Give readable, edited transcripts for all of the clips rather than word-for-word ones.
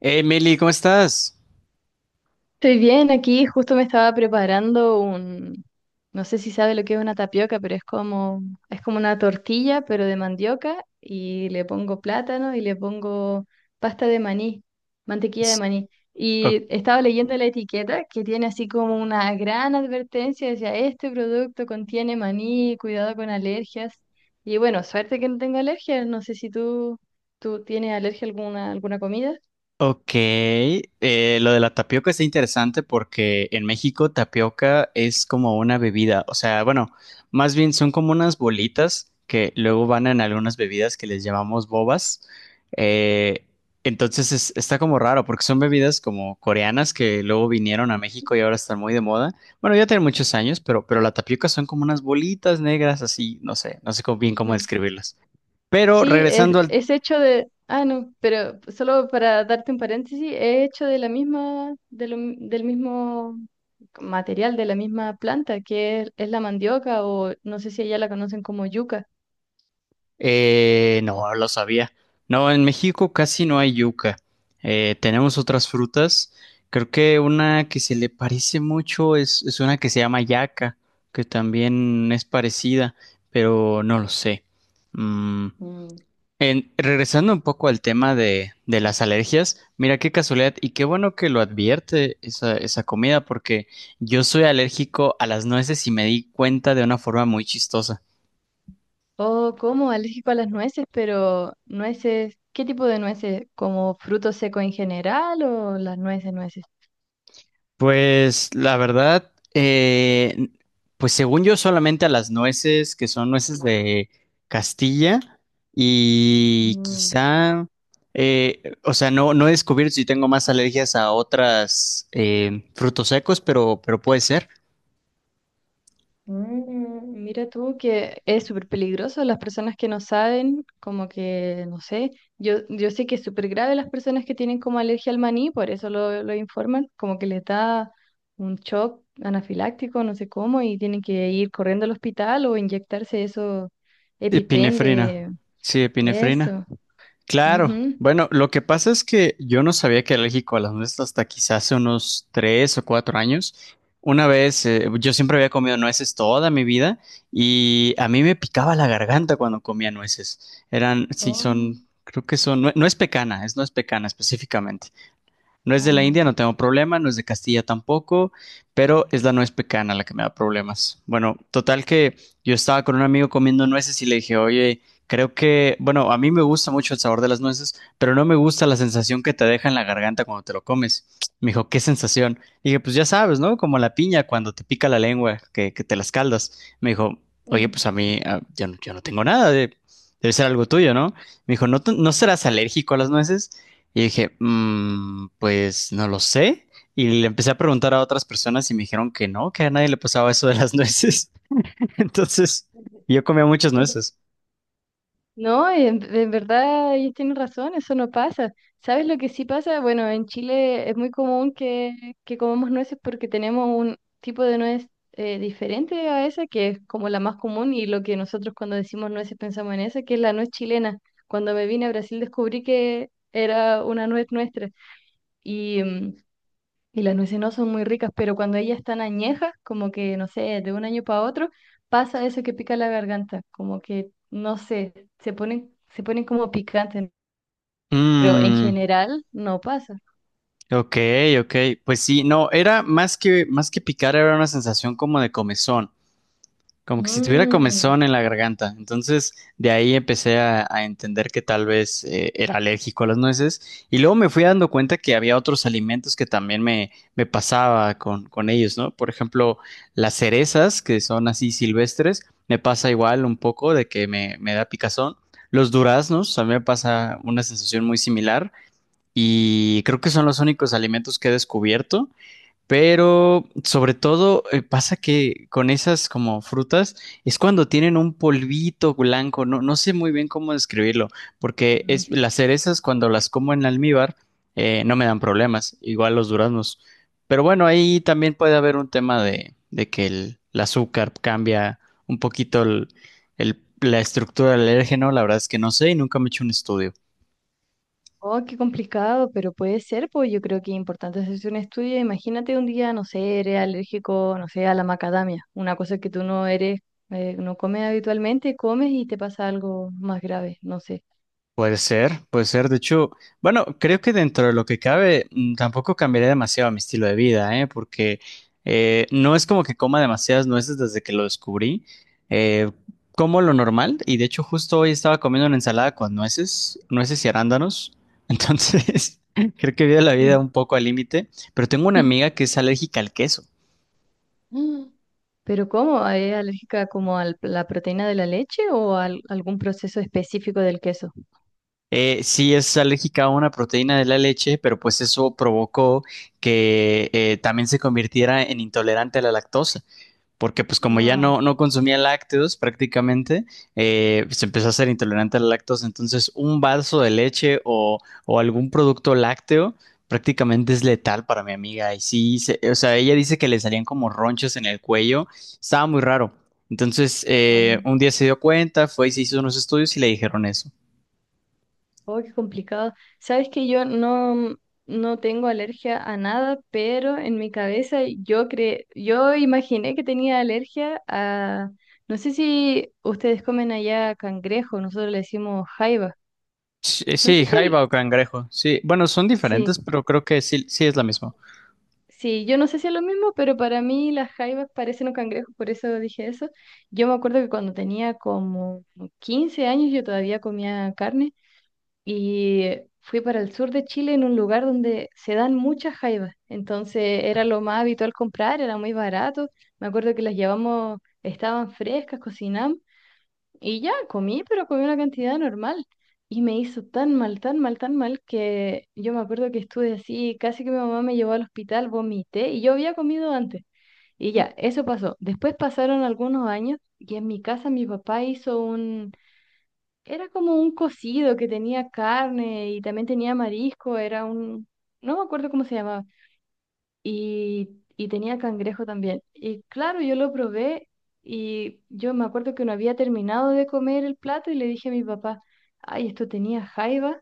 Hey, Meli, ¿cómo estás? Estoy bien aquí, justo me estaba preparando un, no sé si sabe lo que es una tapioca, pero es como una tortilla, pero de mandioca, y le pongo plátano y le pongo pasta de maní, mantequilla de S- maní. o- Y estaba leyendo la etiqueta que tiene así como una gran advertencia, decía, este producto contiene maní, cuidado con alergias. Y bueno, suerte que no tengo alergias, no sé si tú, tú tienes alergia a alguna, alguna comida. ok, lo de la tapioca está interesante porque en México tapioca es como una bebida, o sea, bueno, más bien son como unas bolitas que luego van en algunas bebidas que les llamamos bobas. Eh, entonces está como raro porque son bebidas como coreanas que luego vinieron a México y ahora están muy de moda. Bueno, ya tienen muchos años, pero la tapioca son como unas bolitas negras así, no sé, bien cómo describirlas. Pero Sí, regresando al... es hecho de, no, pero solo para darte un paréntesis, es hecho de la misma, del mismo material, de la misma planta, que es la mandioca o no sé si allá la conocen como yuca. No, lo sabía. No, en México casi no hay yuca. Tenemos otras frutas. Creo que una que se le parece mucho es una que se llama yaca, que también es parecida, pero no lo sé. Mm, Mm. Regresando un poco al tema de las alergias, mira qué casualidad y qué bueno que lo advierte esa comida, porque yo soy alérgico a las nueces y me di cuenta de una forma muy chistosa. Oh, como alérgico a las nueces, pero nueces, ¿qué tipo de nueces? ¿Como fruto seco en general o las nueces, nueces? Pues la verdad, pues según yo solamente a las nueces, que son nueces de Castilla, y quizá, o sea, no he descubierto si tengo más alergias a otras frutos secos, pero puede ser. Mm, mira tú que es súper peligroso las personas que no saben, como que, no sé, yo sé que es súper grave las personas que tienen como alergia al maní, por eso lo informan, como que les da un shock anafiláctico, no sé cómo, y tienen que ir corriendo al hospital o inyectarse eso, EpiPen Epinefrina, de sí, epinefrina. eso. Claro. Ujú. Bueno, lo que pasa es que yo no sabía que era alérgico a las nueces hasta quizás hace unos 3 o 4 años. Una vez, yo siempre había comido nueces toda mi vida y a mí me picaba la garganta cuando comía nueces. Eran, sí, Oh, son, creo que son, no, no es pecana, es no es pecana específicamente. No es de la ah, India, no ya. tengo problema, no es de Castilla tampoco, pero es la nuez pecana la que me da problemas. Bueno, total que yo estaba con un amigo comiendo nueces y le dije, oye, creo que, bueno, a mí me gusta mucho el sabor de las nueces, pero no me gusta la sensación que te deja en la garganta cuando te lo comes. Me dijo, ¿qué sensación? Y dije, pues ya sabes, ¿no? Como la piña cuando te pica la lengua, que te las caldas. Me dijo, oye, pues a mí, ah, yo, yo no tengo nada de... Debe ser algo tuyo, ¿no? Me dijo, ¿no, no serás alérgico a las nueces? Y dije, "Mm, pues no lo sé. Y le empecé a preguntar a otras personas y me dijeron que no, que a nadie le pasaba eso de las nueces. Entonces, yo comía muchas nueces. No, en verdad ellos tienen razón, eso no pasa. ¿Sabes lo que sí pasa? Bueno, en Chile es muy común que comamos nueces porque tenemos un tipo de nuez diferente a esa, que es como la más común y lo que nosotros cuando decimos nueces pensamos en esa, que es la nuez chilena. Cuando me vine a Brasil descubrí que era una nuez nuestra. Y mm, y las nueces no son muy ricas, pero cuando ellas están añejas, como que, no sé, de un año para otro, pasa eso que pica la garganta, como que, no sé, se ponen como picantes, pero en Mm, general no pasa. ok, ok. Pues sí, no, era más que picar, era una sensación como de comezón. Como que si tuviera Mm, comezón en la garganta. Entonces, de ahí empecé a entender que tal vez era alérgico a las nueces. Y luego me fui dando cuenta que había otros alimentos que también me pasaba con ellos, ¿no? Por ejemplo, las cerezas, que son así silvestres, me pasa igual un poco de que me da picazón. Los duraznos, a mí me pasa una sensación muy similar. Y creo que son los únicos alimentos que he descubierto. Pero sobre todo pasa que con esas como frutas es cuando tienen un polvito blanco, no, no sé muy bien cómo describirlo, porque mm. es, las cerezas cuando las como en almíbar no me dan problemas, igual los duraznos. Pero bueno, ahí también puede haber un tema de que el azúcar cambia un poquito la estructura del alérgeno, la verdad es que no sé y nunca me he hecho un estudio. Oh, qué complicado, pero puede ser, pues yo creo que es importante hacerse un estudio. Imagínate un día, no sé, eres alérgico, no sé, a la macadamia, una cosa que tú no eres, no comes habitualmente, comes y te pasa algo más grave, no sé. Puede ser, puede ser. De hecho, bueno, creo que dentro de lo que cabe, tampoco cambiaría demasiado mi estilo de vida, ¿eh? Porque no es como que coma demasiadas nueces desde que lo descubrí. Eh, Como lo normal, y de hecho, justo hoy estaba comiendo una ensalada con nueces y arándanos. Entonces, creo que vivo la vida Mm. un poco al límite. Pero tengo una amiga que es alérgica al queso. Mm. ¿Pero cómo? ¿Es alérgica como a la proteína de la leche o algún proceso específico del queso? Sí, es alérgica a una proteína de la leche, pero pues eso provocó que también se convirtiera en intolerante a la lactosa, porque pues como ya Ah, no consumía lácteos prácticamente, se empezó a ser intolerante a la lactosa. Entonces, un vaso de leche o algún producto lácteo prácticamente es letal para mi amiga. Y sí, o sea, ella dice que le salían como ronchas en el cuello, estaba muy raro. Entonces, ah. un día se dio cuenta, fue y se hizo unos estudios y le dijeron eso. Oh, qué complicado. Sabes que yo no, mm, no tengo alergia a nada, pero en mi cabeza yo imaginé que tenía alergia a, no sé si ustedes comen allá cangrejo, nosotros le decimos jaiba. Sí, No sé sí, si el, jaiba o cangrejo. Sí, bueno, son sí, diferentes, pero creo que sí, sí es la misma. sí, yo no sé si es lo mismo, pero para mí las jaivas parecen un cangrejo, por eso dije eso. Yo me acuerdo que cuando tenía como 15 años yo todavía comía carne y fui para el sur de Chile en un lugar donde se dan muchas jaivas. Entonces era lo más habitual comprar, era muy barato. Me acuerdo que las llevamos, estaban frescas, cocinamos y ya comí, pero comí una cantidad normal. Y me hizo tan mal, tan mal, tan mal que yo me acuerdo que estuve así, casi que mi mamá me llevó al hospital, vomité y yo había comido antes. Y ya, eso pasó. Después pasaron algunos años y en mi casa mi papá hizo un, era como un cocido que tenía carne y también tenía marisco, era un, no me acuerdo cómo se llamaba, y, y tenía cangrejo también. Y claro, yo lo probé y yo me acuerdo que no había terminado de comer el plato y le dije a mi papá, ay, esto tenía jaiba.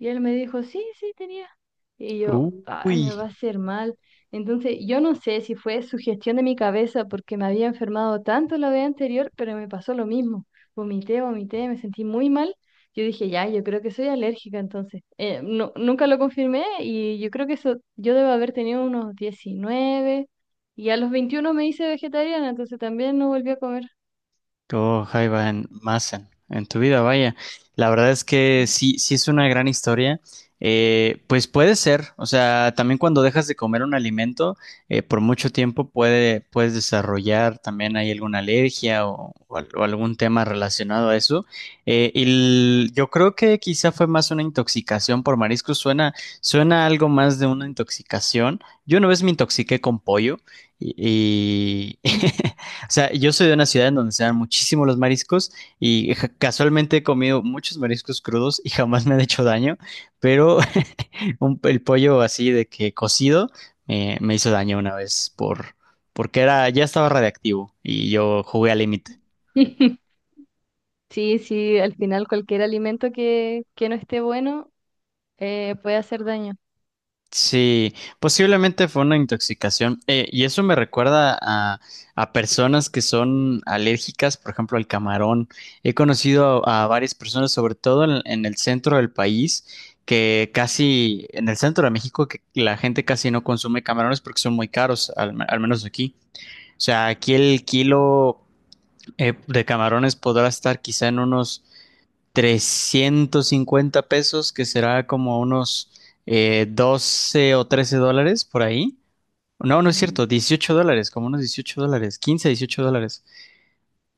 Y él me dijo, sí, sí, tenía. Y yo, ay, Uy. me va a hacer mal. Entonces, yo no sé si fue sugestión de mi cabeza porque me había enfermado tanto la vez anterior, pero me pasó lo mismo. Vomité, vomité, me sentí muy mal, yo dije, ya, yo creo que soy alérgica entonces. No, nunca lo confirmé y yo creo que eso, yo debo haber tenido unos 19 y a los 21 me hice vegetariana, entonces también no volví a comer. Oh, jaiba en Massen, en tu vida, vaya. La verdad es que sí, sí es una gran historia. Pues puede ser, o sea, también cuando dejas de comer un alimento por mucho tiempo puedes desarrollar también hay alguna alergia o algún tema relacionado a eso. Yo creo que quizá fue más una intoxicación por mariscos, suena algo más de una intoxicación. Yo una vez me intoxiqué con pollo y Ujú. O sea, yo soy de una ciudad en donde se dan muchísimo los mariscos y casualmente he comido muchos mariscos crudos y jamás me han hecho daño, pero el pollo así de que cocido me hizo daño una vez porque era ya estaba radiactivo y yo jugué al límite. Sí, sí, al final cualquier alimento que no esté bueno puede hacer daño. Sí, posiblemente fue una intoxicación. Y eso me recuerda a personas que son alérgicas, por ejemplo, al camarón. He conocido a varias personas, sobre todo en el centro del país, que casi, en el centro de México, que la gente casi no consume camarones porque son muy caros, al menos aquí. O sea, aquí el kilo de camarones podrá estar quizá en unos 350 pesos, que será como unos 12 o 13 dólares por ahí. No, no es Mm, cierto, 18 dólares, como unos 18 dólares, 15, 18 dólares.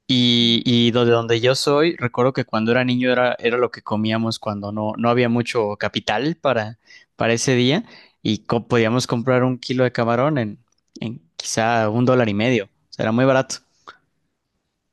Y, mm. y de donde yo soy, recuerdo que cuando era niño era lo que comíamos cuando no había mucho capital para ese día y podíamos comprar un kilo de camarón en quizá un dólar y medio. O sea, era muy barato.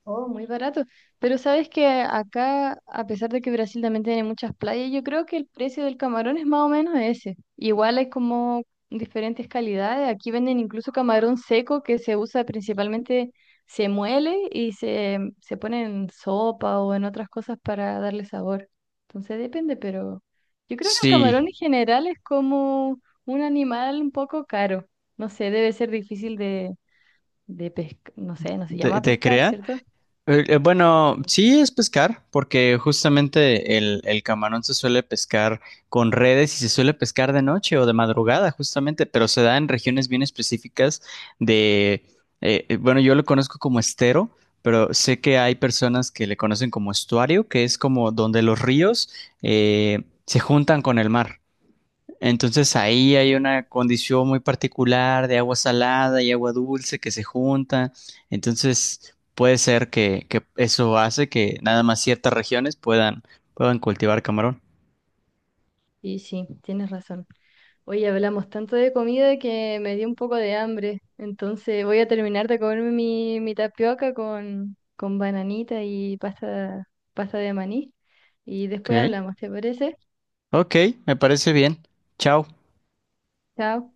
Oh, muy barato. Pero sabes que acá, a pesar de que Brasil también tiene muchas playas, yo creo que el precio del camarón es más o menos ese. Igual hay como diferentes calidades. Aquí venden incluso camarón seco que se usa principalmente, se muele y se pone en sopa o en otras cosas para darle sabor. Entonces depende, pero yo creo que el Sí, camarón en general es como un animal un poco caro. No sé, debe ser difícil de pescar, no sé, no se llama te pescar, creas? ¿cierto? Bueno, sí es pescar, porque justamente el camarón se suele pescar con redes y se suele pescar de noche o de madrugada, justamente, pero se da en regiones bien específicas de, bueno, yo lo conozco como estero, pero sé que hay personas que le conocen como estuario, que es como donde los ríos se juntan con el mar. Entonces ahí hay una condición muy particular de agua salada y agua dulce que se juntan. Entonces puede ser que eso hace que nada más ciertas regiones puedan, puedan cultivar camarón. Y sí, tienes razón. Hoy hablamos tanto de comida que me dio un poco de hambre. Entonces voy a terminar de comerme mi, mi tapioca con bananita y pasta, pasta de maní. Y después Ok, hablamos, ¿te parece? ok, me parece bien. Chao. Chao.